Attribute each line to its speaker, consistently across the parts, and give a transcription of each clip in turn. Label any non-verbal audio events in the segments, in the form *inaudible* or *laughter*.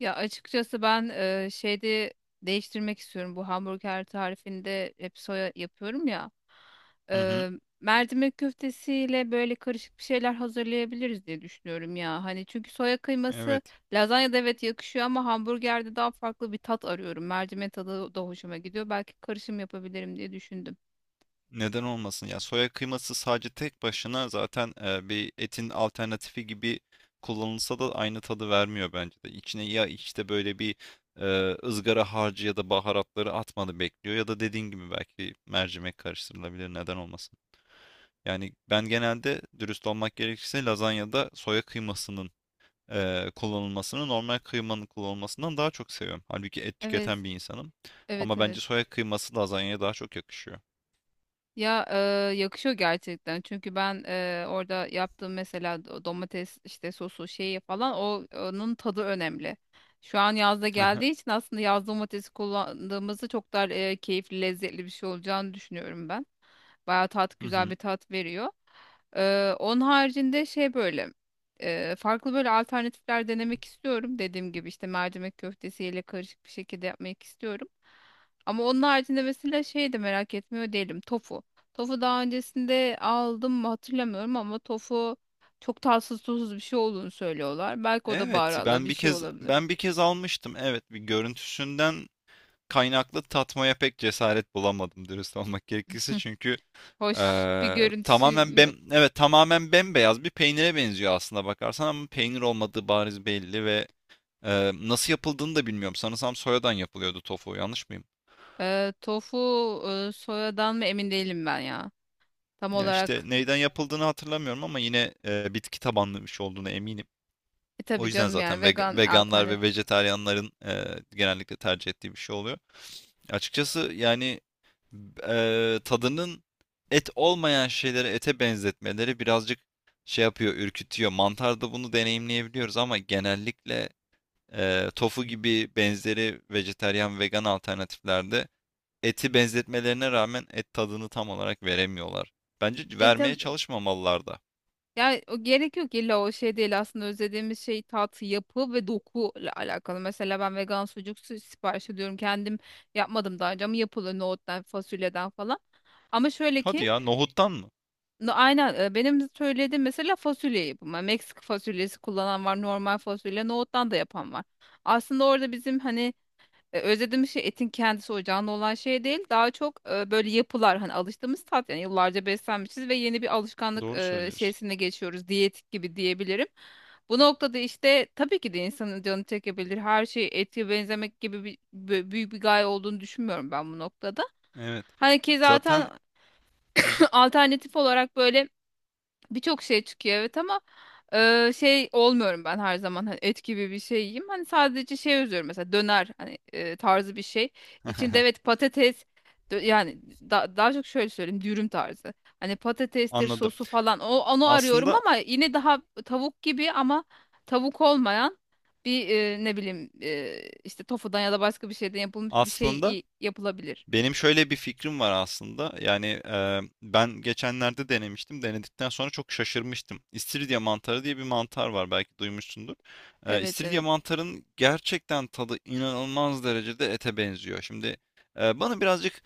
Speaker 1: Ya açıkçası ben şeyde değiştirmek istiyorum. Bu hamburger tarifinde hep soya yapıyorum ya.
Speaker 2: Hı hı,
Speaker 1: E, Mercimek köftesiyle böyle karışık bir şeyler hazırlayabiliriz diye düşünüyorum ya. Hani çünkü soya kıyması
Speaker 2: evet.
Speaker 1: lazanyada, evet, yakışıyor ama hamburgerde daha farklı bir tat arıyorum. Mercimek tadı da hoşuma gidiyor. Belki karışım yapabilirim diye düşündüm.
Speaker 2: Neden olmasın? Ya soya kıyması sadece tek başına zaten bir etin alternatifi gibi kullanılsa da aynı tadı vermiyor bence de. İçine ya işte böyle bir e, ızgara harcı ya da baharatları atmanı bekliyor ya da dediğin gibi belki mercimek karıştırılabilir. Neden olmasın? Yani ben genelde dürüst olmak gerekirse lazanyada soya kıymasının kullanılmasını normal kıymanın kullanılmasından daha çok seviyorum. Halbuki et tüketen
Speaker 1: Evet,
Speaker 2: bir insanım.
Speaker 1: evet,
Speaker 2: Ama bence
Speaker 1: evet.
Speaker 2: soya kıyması lazanyaya daha çok yakışıyor.
Speaker 1: Ya yakışıyor gerçekten. Çünkü ben, orada yaptığım mesela domates işte sosu şeyi falan, onun tadı önemli. Şu an yazda geldiği
Speaker 2: *laughs*
Speaker 1: için aslında yaz domatesi kullandığımızda çok daha keyifli, lezzetli bir şey olacağını düşünüyorum ben. Bayağı tat,
Speaker 2: Hı
Speaker 1: güzel
Speaker 2: hı.
Speaker 1: bir tat veriyor. Onun haricinde şey, böyle farklı böyle alternatifler denemek istiyorum. Dediğim gibi işte mercimek köftesiyle karışık bir şekilde yapmak istiyorum. Ama onun haricinde mesela şey de merak etmiyor değilim. Tofu. Tofu daha öncesinde aldım mı hatırlamıyorum ama tofu çok tatsız tuzsuz bir şey olduğunu söylüyorlar. Belki o da
Speaker 2: Evet,
Speaker 1: baharatla
Speaker 2: ben
Speaker 1: bir
Speaker 2: bir
Speaker 1: şey
Speaker 2: kez
Speaker 1: olabilir.
Speaker 2: ben bir kez almıştım. Evet, bir görüntüsünden kaynaklı tatmaya pek cesaret bulamadım dürüst olmak gerekirse.
Speaker 1: *laughs*
Speaker 2: Çünkü
Speaker 1: Hoş bir görüntüsü
Speaker 2: tamamen
Speaker 1: mü yok?
Speaker 2: evet tamamen bembeyaz bir peynire benziyor aslında bakarsan ama peynir olmadığı bariz belli ve nasıl yapıldığını da bilmiyorum. Sanırsam soyadan yapılıyordu tofu, yanlış mıyım?
Speaker 1: Tofu soyadan mı emin değilim ben ya. Tam
Speaker 2: Ya işte
Speaker 1: olarak
Speaker 2: neyden yapıldığını hatırlamıyorum ama yine bitki tabanlı bir şey olduğunu eminim.
Speaker 1: e
Speaker 2: O
Speaker 1: tabii
Speaker 2: yüzden
Speaker 1: canım,
Speaker 2: zaten
Speaker 1: yani vegan.
Speaker 2: veganlar ve vejetaryenlerin genellikle tercih ettiği bir şey oluyor. Açıkçası yani tadının et olmayan şeyleri ete benzetmeleri birazcık şey yapıyor, ürkütüyor. Mantarda bunu deneyimleyebiliyoruz ama genellikle tofu gibi benzeri vejetaryen vegan alternatiflerde eti benzetmelerine rağmen et tadını tam olarak veremiyorlar. Bence
Speaker 1: E
Speaker 2: vermeye
Speaker 1: tabii.
Speaker 2: çalışmamalılar da.
Speaker 1: Yani o gerek yok, illa o şey değil, aslında özlediğimiz şey tat, yapı ve doku ile alakalı. Mesela ben vegan sucuk sipariş ediyorum. Kendim yapmadım daha önce ama yapılıyor nohuttan, fasulyeden falan. Ama şöyle
Speaker 2: Hadi
Speaker 1: ki
Speaker 2: ya, nohuttan mı?
Speaker 1: aynen, benim söylediğim mesela fasulye yapımı. Meksika fasulyesi kullanan var, normal fasulye, nohuttan da yapan var. Aslında orada bizim hani, özlediğimiz şey etin kendisi, o canlı olan şey değil. Daha çok böyle yapılar, hani alıştığımız tat, yani yıllarca beslenmişiz ve yeni bir alışkanlık
Speaker 2: Doğru söylüyorsun.
Speaker 1: şeysine geçiyoruz. Diyetik gibi diyebilirim. Bu noktada işte tabii ki de insanın canı çekebilir. Her şey ete benzemek gibi bir, büyük bir gaye olduğunu düşünmüyorum ben bu noktada.
Speaker 2: Evet.
Speaker 1: Hani ki
Speaker 2: Zaten
Speaker 1: zaten *clears throat* *laughs* alternatif olarak böyle birçok şey çıkıyor, evet, ama şey olmuyorum ben her zaman hani et gibi bir şey yiyeyim. Hani sadece şey özlüyorum mesela döner hani, tarzı bir şey. İçinde, evet,
Speaker 2: *laughs*
Speaker 1: patates, yani daha çok şöyle söyleyeyim, dürüm tarzı. Hani patatestir,
Speaker 2: anladım.
Speaker 1: sosu falan, onu arıyorum
Speaker 2: Aslında
Speaker 1: ama yine daha tavuk gibi ama tavuk olmayan bir, ne bileyim, işte tofudan ya da başka bir şeyden yapılmış bir şey
Speaker 2: aslında
Speaker 1: yapılabilir.
Speaker 2: benim şöyle bir fikrim var aslında. Yani ben geçenlerde denemiştim. Denedikten sonra çok şaşırmıştım. İstiridye mantarı diye bir mantar var. Belki duymuşsundur.
Speaker 1: Evet,
Speaker 2: İstiridye
Speaker 1: evet.
Speaker 2: mantarın gerçekten tadı inanılmaz derecede ete benziyor. Şimdi bana birazcık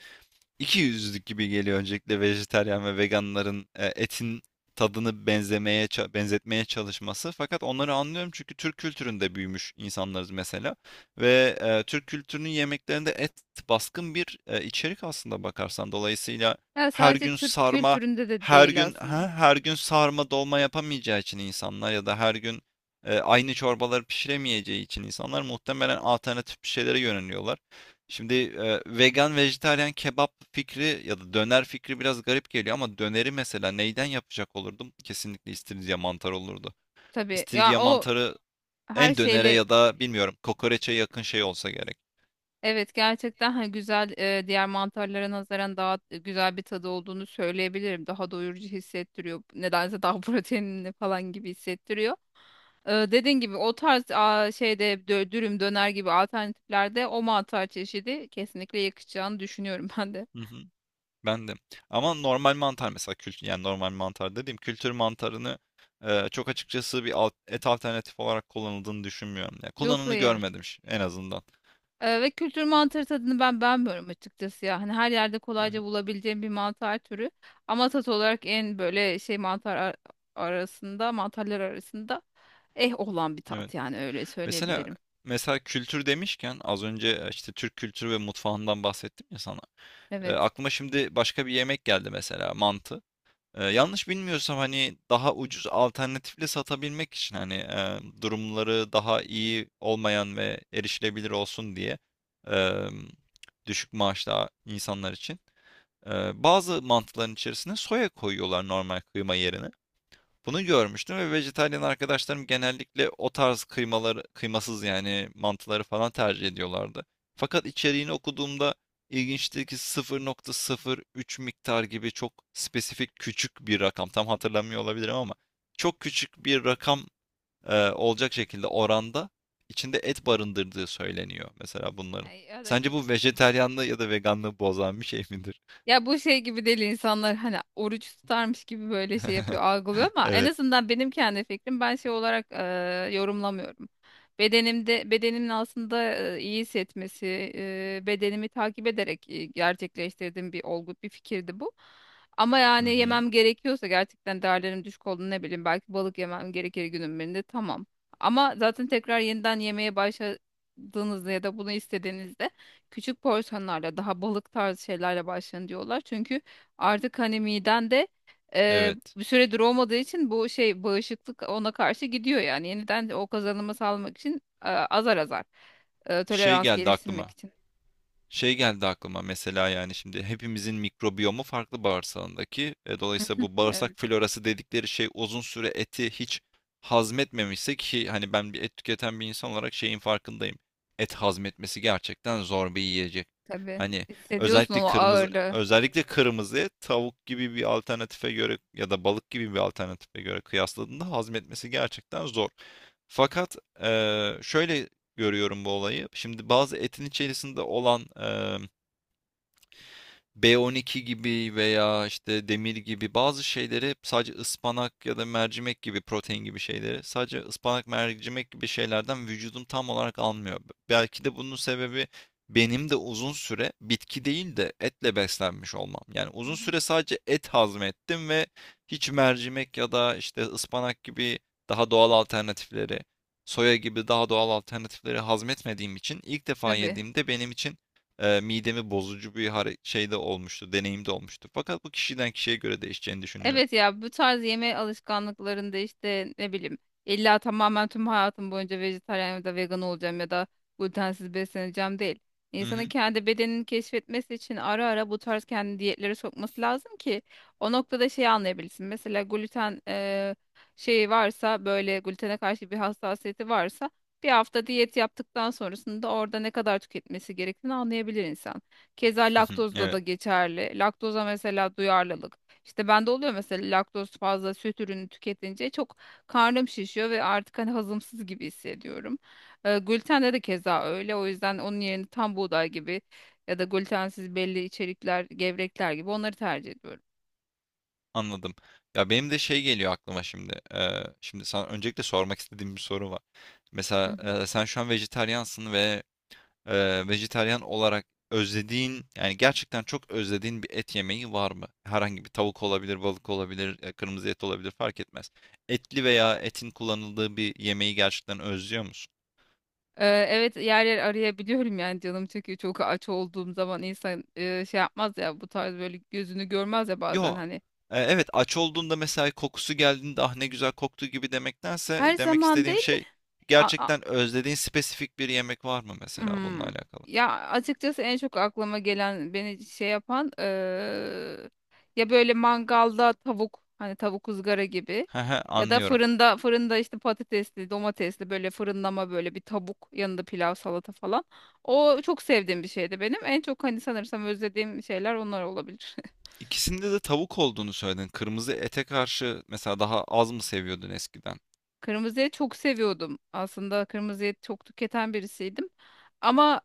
Speaker 2: iki yüzlük gibi geliyor öncelikle vejetaryen ve veganların etin tadını benzetmeye çalışması. Fakat onları anlıyorum çünkü Türk kültüründe büyümüş insanlarız mesela ve Türk kültürünün yemeklerinde et baskın bir içerik aslında bakarsan. Dolayısıyla
Speaker 1: Yani
Speaker 2: her
Speaker 1: sadece
Speaker 2: gün
Speaker 1: Türk
Speaker 2: sarma,
Speaker 1: kültüründe de değil aslında.
Speaker 2: her gün sarma dolma yapamayacağı için insanlar ya da her gün aynı çorbaları pişiremeyeceği için insanlar muhtemelen alternatif bir şeylere yöneliyorlar. Şimdi vegan, vejetaryen, kebap fikri ya da döner fikri biraz garip geliyor ama döneri mesela neyden yapacak olurdum? Kesinlikle istiridye mantarı olurdu.
Speaker 1: Tabii ya.
Speaker 2: İstiridye
Speaker 1: O
Speaker 2: mantarı
Speaker 1: her
Speaker 2: en dönere
Speaker 1: şeyle,
Speaker 2: ya da bilmiyorum kokoreçe yakın şey olsa gerek.
Speaker 1: evet, gerçekten hani güzel. Diğer mantarlara nazaran daha güzel bir tadı olduğunu söyleyebilirim. Daha doyurucu hissettiriyor. Nedense daha *laughs* proteinli falan gibi hissettiriyor. Dediğin gibi o tarz şeyde, dürüm döner gibi alternatiflerde o mantar çeşidi kesinlikle yakışacağını düşünüyorum *laughs* ben de.
Speaker 2: Hı hı. Ben de. Ama normal mantar mesela kültür yani normal mantar dediğim kültür mantarını çok açıkçası bir et alternatif olarak kullanıldığını düşünmüyorum. Yani
Speaker 1: Yok,
Speaker 2: kullanımını
Speaker 1: hayır.
Speaker 2: görmedim en azından.
Speaker 1: Ve kültür mantarı tadını ben beğenmiyorum açıkçası ya. Hani her yerde
Speaker 2: Hı hı,
Speaker 1: kolayca bulabileceğim bir mantar türü. Ama tat olarak en böyle şey, arasında, mantarlar arasında eh olan bir
Speaker 2: evet.
Speaker 1: tat, yani öyle
Speaker 2: Mesela
Speaker 1: söyleyebilirim.
Speaker 2: mesela kültür demişken az önce işte Türk kültürü ve mutfağından bahsettim ya sana.
Speaker 1: Evet.
Speaker 2: Aklıma şimdi başka bir yemek geldi mesela mantı. Yanlış bilmiyorsam, hani, daha ucuz alternatifle satabilmek için, hani, durumları daha iyi olmayan ve erişilebilir olsun diye, emm, düşük maaşlı insanlar için, bazı mantıların içerisine soya koyuyorlar normal kıyma yerine. Bunu görmüştüm ve vejetaryen arkadaşlarım genellikle o tarz kıymaları, kıymasız yani mantıları falan tercih ediyorlardı. Fakat içeriğini okuduğumda ilginçti ki 0,03 miktar gibi çok spesifik küçük bir rakam. Tam hatırlamıyor olabilirim ama çok küçük bir rakam olacak şekilde oranda içinde et barındırdığı söyleniyor mesela bunların.
Speaker 1: Ay, ya da
Speaker 2: Sence
Speaker 1: kemik.
Speaker 2: bu vejetaryenliği ya da veganlığı bozan bir şey midir?
Speaker 1: Ya bu şey gibi değil, insanlar hani oruç tutarmış gibi böyle şey yapıyor,
Speaker 2: *laughs*
Speaker 1: algılıyor ama en
Speaker 2: Evet.
Speaker 1: azından benim kendi fikrim, ben şey olarak yorumlamıyorum. Bedenimin aslında iyi hissetmesi, bedenimi takip ederek gerçekleştirdiğim bir olgu, bir fikirdi bu. Ama
Speaker 2: Hı
Speaker 1: yani
Speaker 2: hı.
Speaker 1: yemem gerekiyorsa gerçekten, değerlerim düşük olduğunu, ne bileyim, belki balık yemem gerekir günün birinde, tamam. Ama zaten tekrar yeniden yemeye başladığınızda ya da bunu istediğinizde küçük porsiyonlarla daha balık tarzı şeylerle başlayın diyorlar. Çünkü artık hani miden de
Speaker 2: Evet.
Speaker 1: bir süredir olmadığı için bu şey, bağışıklık ona karşı gidiyor yani. Yeniden o kazanımı sağlamak için, azar azar,
Speaker 2: Şey
Speaker 1: tolerans
Speaker 2: geldi
Speaker 1: geliştirmek
Speaker 2: aklıma.
Speaker 1: için.
Speaker 2: Şey geldi aklıma mesela yani şimdi hepimizin mikrobiyomu farklı bağırsağındaki. Dolayısıyla bu bağırsak
Speaker 1: Evet,
Speaker 2: florası dedikleri şey uzun süre eti hiç hazmetmemişse ki hani ben bir et tüketen bir insan olarak şeyin farkındayım. Et hazmetmesi gerçekten zor bir yiyecek.
Speaker 1: tabii,
Speaker 2: Hani
Speaker 1: hissediyorsun o ağırlığı.
Speaker 2: özellikle kırmızı et tavuk gibi bir alternatife göre ya da balık gibi bir alternatife göre kıyasladığında hazmetmesi gerçekten zor. Fakat şöyle görüyorum bu olayı. Şimdi bazı etin içerisinde olan B12 gibi veya işte demir gibi bazı şeyleri sadece ıspanak ya da mercimek gibi protein gibi şeyleri sadece ıspanak mercimek gibi şeylerden vücudum tam olarak almıyor. Belki de bunun sebebi benim de uzun süre bitki değil de etle beslenmiş olmam. Yani
Speaker 1: Hı
Speaker 2: uzun
Speaker 1: hı.
Speaker 2: süre sadece et hazmettim ve hiç mercimek ya da işte ıspanak gibi daha doğal alternatifleri, soya gibi daha doğal alternatifleri hazmetmediğim için ilk defa
Speaker 1: Tabii.
Speaker 2: yediğimde benim için midemi bozucu bir şey de olmuştu, deneyim de olmuştu. Fakat bu kişiden kişiye göre değişeceğini düşünüyorum.
Speaker 1: Evet ya, bu tarz yeme alışkanlıklarında işte, ne bileyim, illa tamamen tüm hayatım boyunca vejetaryen ya da vegan olacağım ya da glutensiz besleneceğim değil.
Speaker 2: Hı
Speaker 1: İnsanın
Speaker 2: hı,
Speaker 1: kendi bedenini keşfetmesi için ara ara bu tarz kendi diyetlere sokması lazım ki o noktada şeyi anlayabilsin. Mesela gluten şeyi varsa, böyle glutene karşı bir hassasiyeti varsa, bir hafta diyet yaptıktan sonrasında orada ne kadar tüketmesi gerektiğini anlayabilir insan. Keza
Speaker 2: hı hı.
Speaker 1: laktozda da
Speaker 2: Evet,
Speaker 1: geçerli. Laktoza mesela duyarlılık. İşte bende oluyor mesela, laktoz, fazla süt ürünü tüketince çok karnım şişiyor ve artık hani hazımsız gibi hissediyorum. Gluten de keza öyle. O yüzden onun yerine tam buğday gibi ya da glutensiz belli içerikler, gevrekler gibi onları tercih ediyorum.
Speaker 2: anladım. Ya benim de şey geliyor aklıma şimdi. Şimdi sana öncelikle sormak istediğim bir soru var.
Speaker 1: Hı
Speaker 2: Mesela
Speaker 1: hı.
Speaker 2: sen şu an vejetaryansın ve vejetaryan olarak özlediğin, yani gerçekten çok özlediğin bir et yemeği var mı? Herhangi bir tavuk olabilir, balık olabilir, kırmızı et olabilir fark etmez. Etli veya etin kullanıldığı bir yemeği gerçekten özlüyor musun?
Speaker 1: Evet, yer yer arayabiliyorum yani, canım çekiyor. Çok aç olduğum zaman insan şey yapmaz ya, bu tarz böyle gözünü görmez ya bazen,
Speaker 2: Yo.
Speaker 1: hani.
Speaker 2: Evet, aç olduğunda mesela kokusu geldiğinde ah ne güzel koktu gibi demektense
Speaker 1: Her
Speaker 2: demek
Speaker 1: zaman
Speaker 2: istediğim
Speaker 1: değil.
Speaker 2: şey
Speaker 1: A-
Speaker 2: gerçekten özlediğin spesifik bir yemek var mı mesela bununla
Speaker 1: Hmm.
Speaker 2: alakalı?
Speaker 1: Ya açıkçası en çok aklıma gelen, beni şey yapan, ya böyle mangalda tavuk, hani tavuk ızgara gibi
Speaker 2: He he,
Speaker 1: ya da
Speaker 2: anlıyorum.
Speaker 1: fırında işte patatesli, domatesli, böyle fırınlama, böyle bir tavuk, yanında pilav, salata falan. O çok sevdiğim bir şeydi benim. En çok hani sanırsam özlediğim şeyler onlar olabilir. *laughs*
Speaker 2: İkisinde de tavuk olduğunu söyledin. Kırmızı ete karşı mesela daha az mı seviyordun eskiden?
Speaker 1: Kırmızıya çok seviyordum. Aslında kırmızıya çok tüketen birisiydim. Ama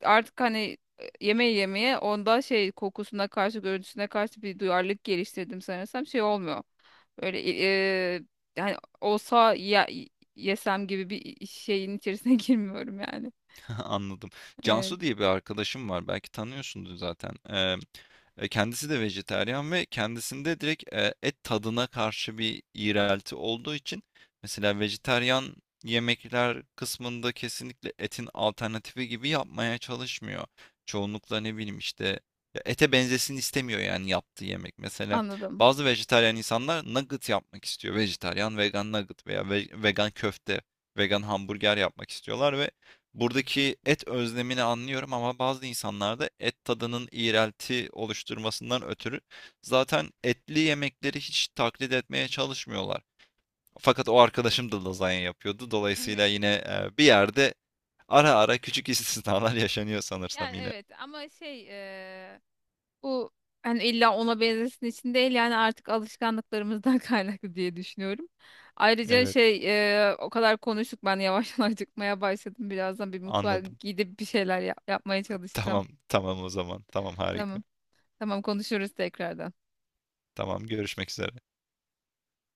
Speaker 1: artık hani, yemeği yemeye, onda şey, kokusuna karşı, görüntüsüne karşı bir duyarlılık geliştirdim sanırsam. Şey olmuyor. Böyle, e, yani olsa ya, yesem gibi bir şeyin içerisine *laughs* girmiyorum yani.
Speaker 2: *laughs* Anladım.
Speaker 1: Evet,
Speaker 2: Cansu diye bir arkadaşım var. Belki tanıyorsundur zaten. Kendisi de vejetaryen ve kendisinde direkt et tadına karşı bir iğrelti olduğu için mesela vejetaryen yemekler kısmında kesinlikle etin alternatifi gibi yapmaya çalışmıyor. Çoğunlukla ne bileyim işte ya ete benzesin istemiyor yani yaptığı yemek. Mesela
Speaker 1: anladım.
Speaker 2: bazı vejetaryen insanlar nugget yapmak istiyor. Vejetaryen vegan nugget veya vegan köfte, vegan hamburger yapmak istiyorlar ve buradaki et özlemini anlıyorum ama bazı insanlarda et tadının iğrelti oluşturmasından ötürü zaten etli yemekleri hiç taklit etmeye çalışmıyorlar. Fakat o arkadaşım da lazanya yapıyordu. Dolayısıyla
Speaker 1: Evet.
Speaker 2: yine bir yerde ara ara küçük istisnalar *laughs* yaşanıyor sanırsam
Speaker 1: Yani,
Speaker 2: yine.
Speaker 1: evet, ama şey, bu hani illa ona benzesin için değil, yani artık alışkanlıklarımızdan *laughs* kaynaklı diye düşünüyorum. Ayrıca
Speaker 2: Evet,
Speaker 1: şey, o kadar konuştuk, ben yavaştan *laughs* acıkmaya başladım. Birazdan bir mutfağa
Speaker 2: anladım.
Speaker 1: gidip bir şeyler yapmaya çalışacağım.
Speaker 2: Tamam, tamam o zaman. Tamam, harika.
Speaker 1: Tamam. Tamam, konuşuruz tekrardan.
Speaker 2: Tamam, görüşmek üzere.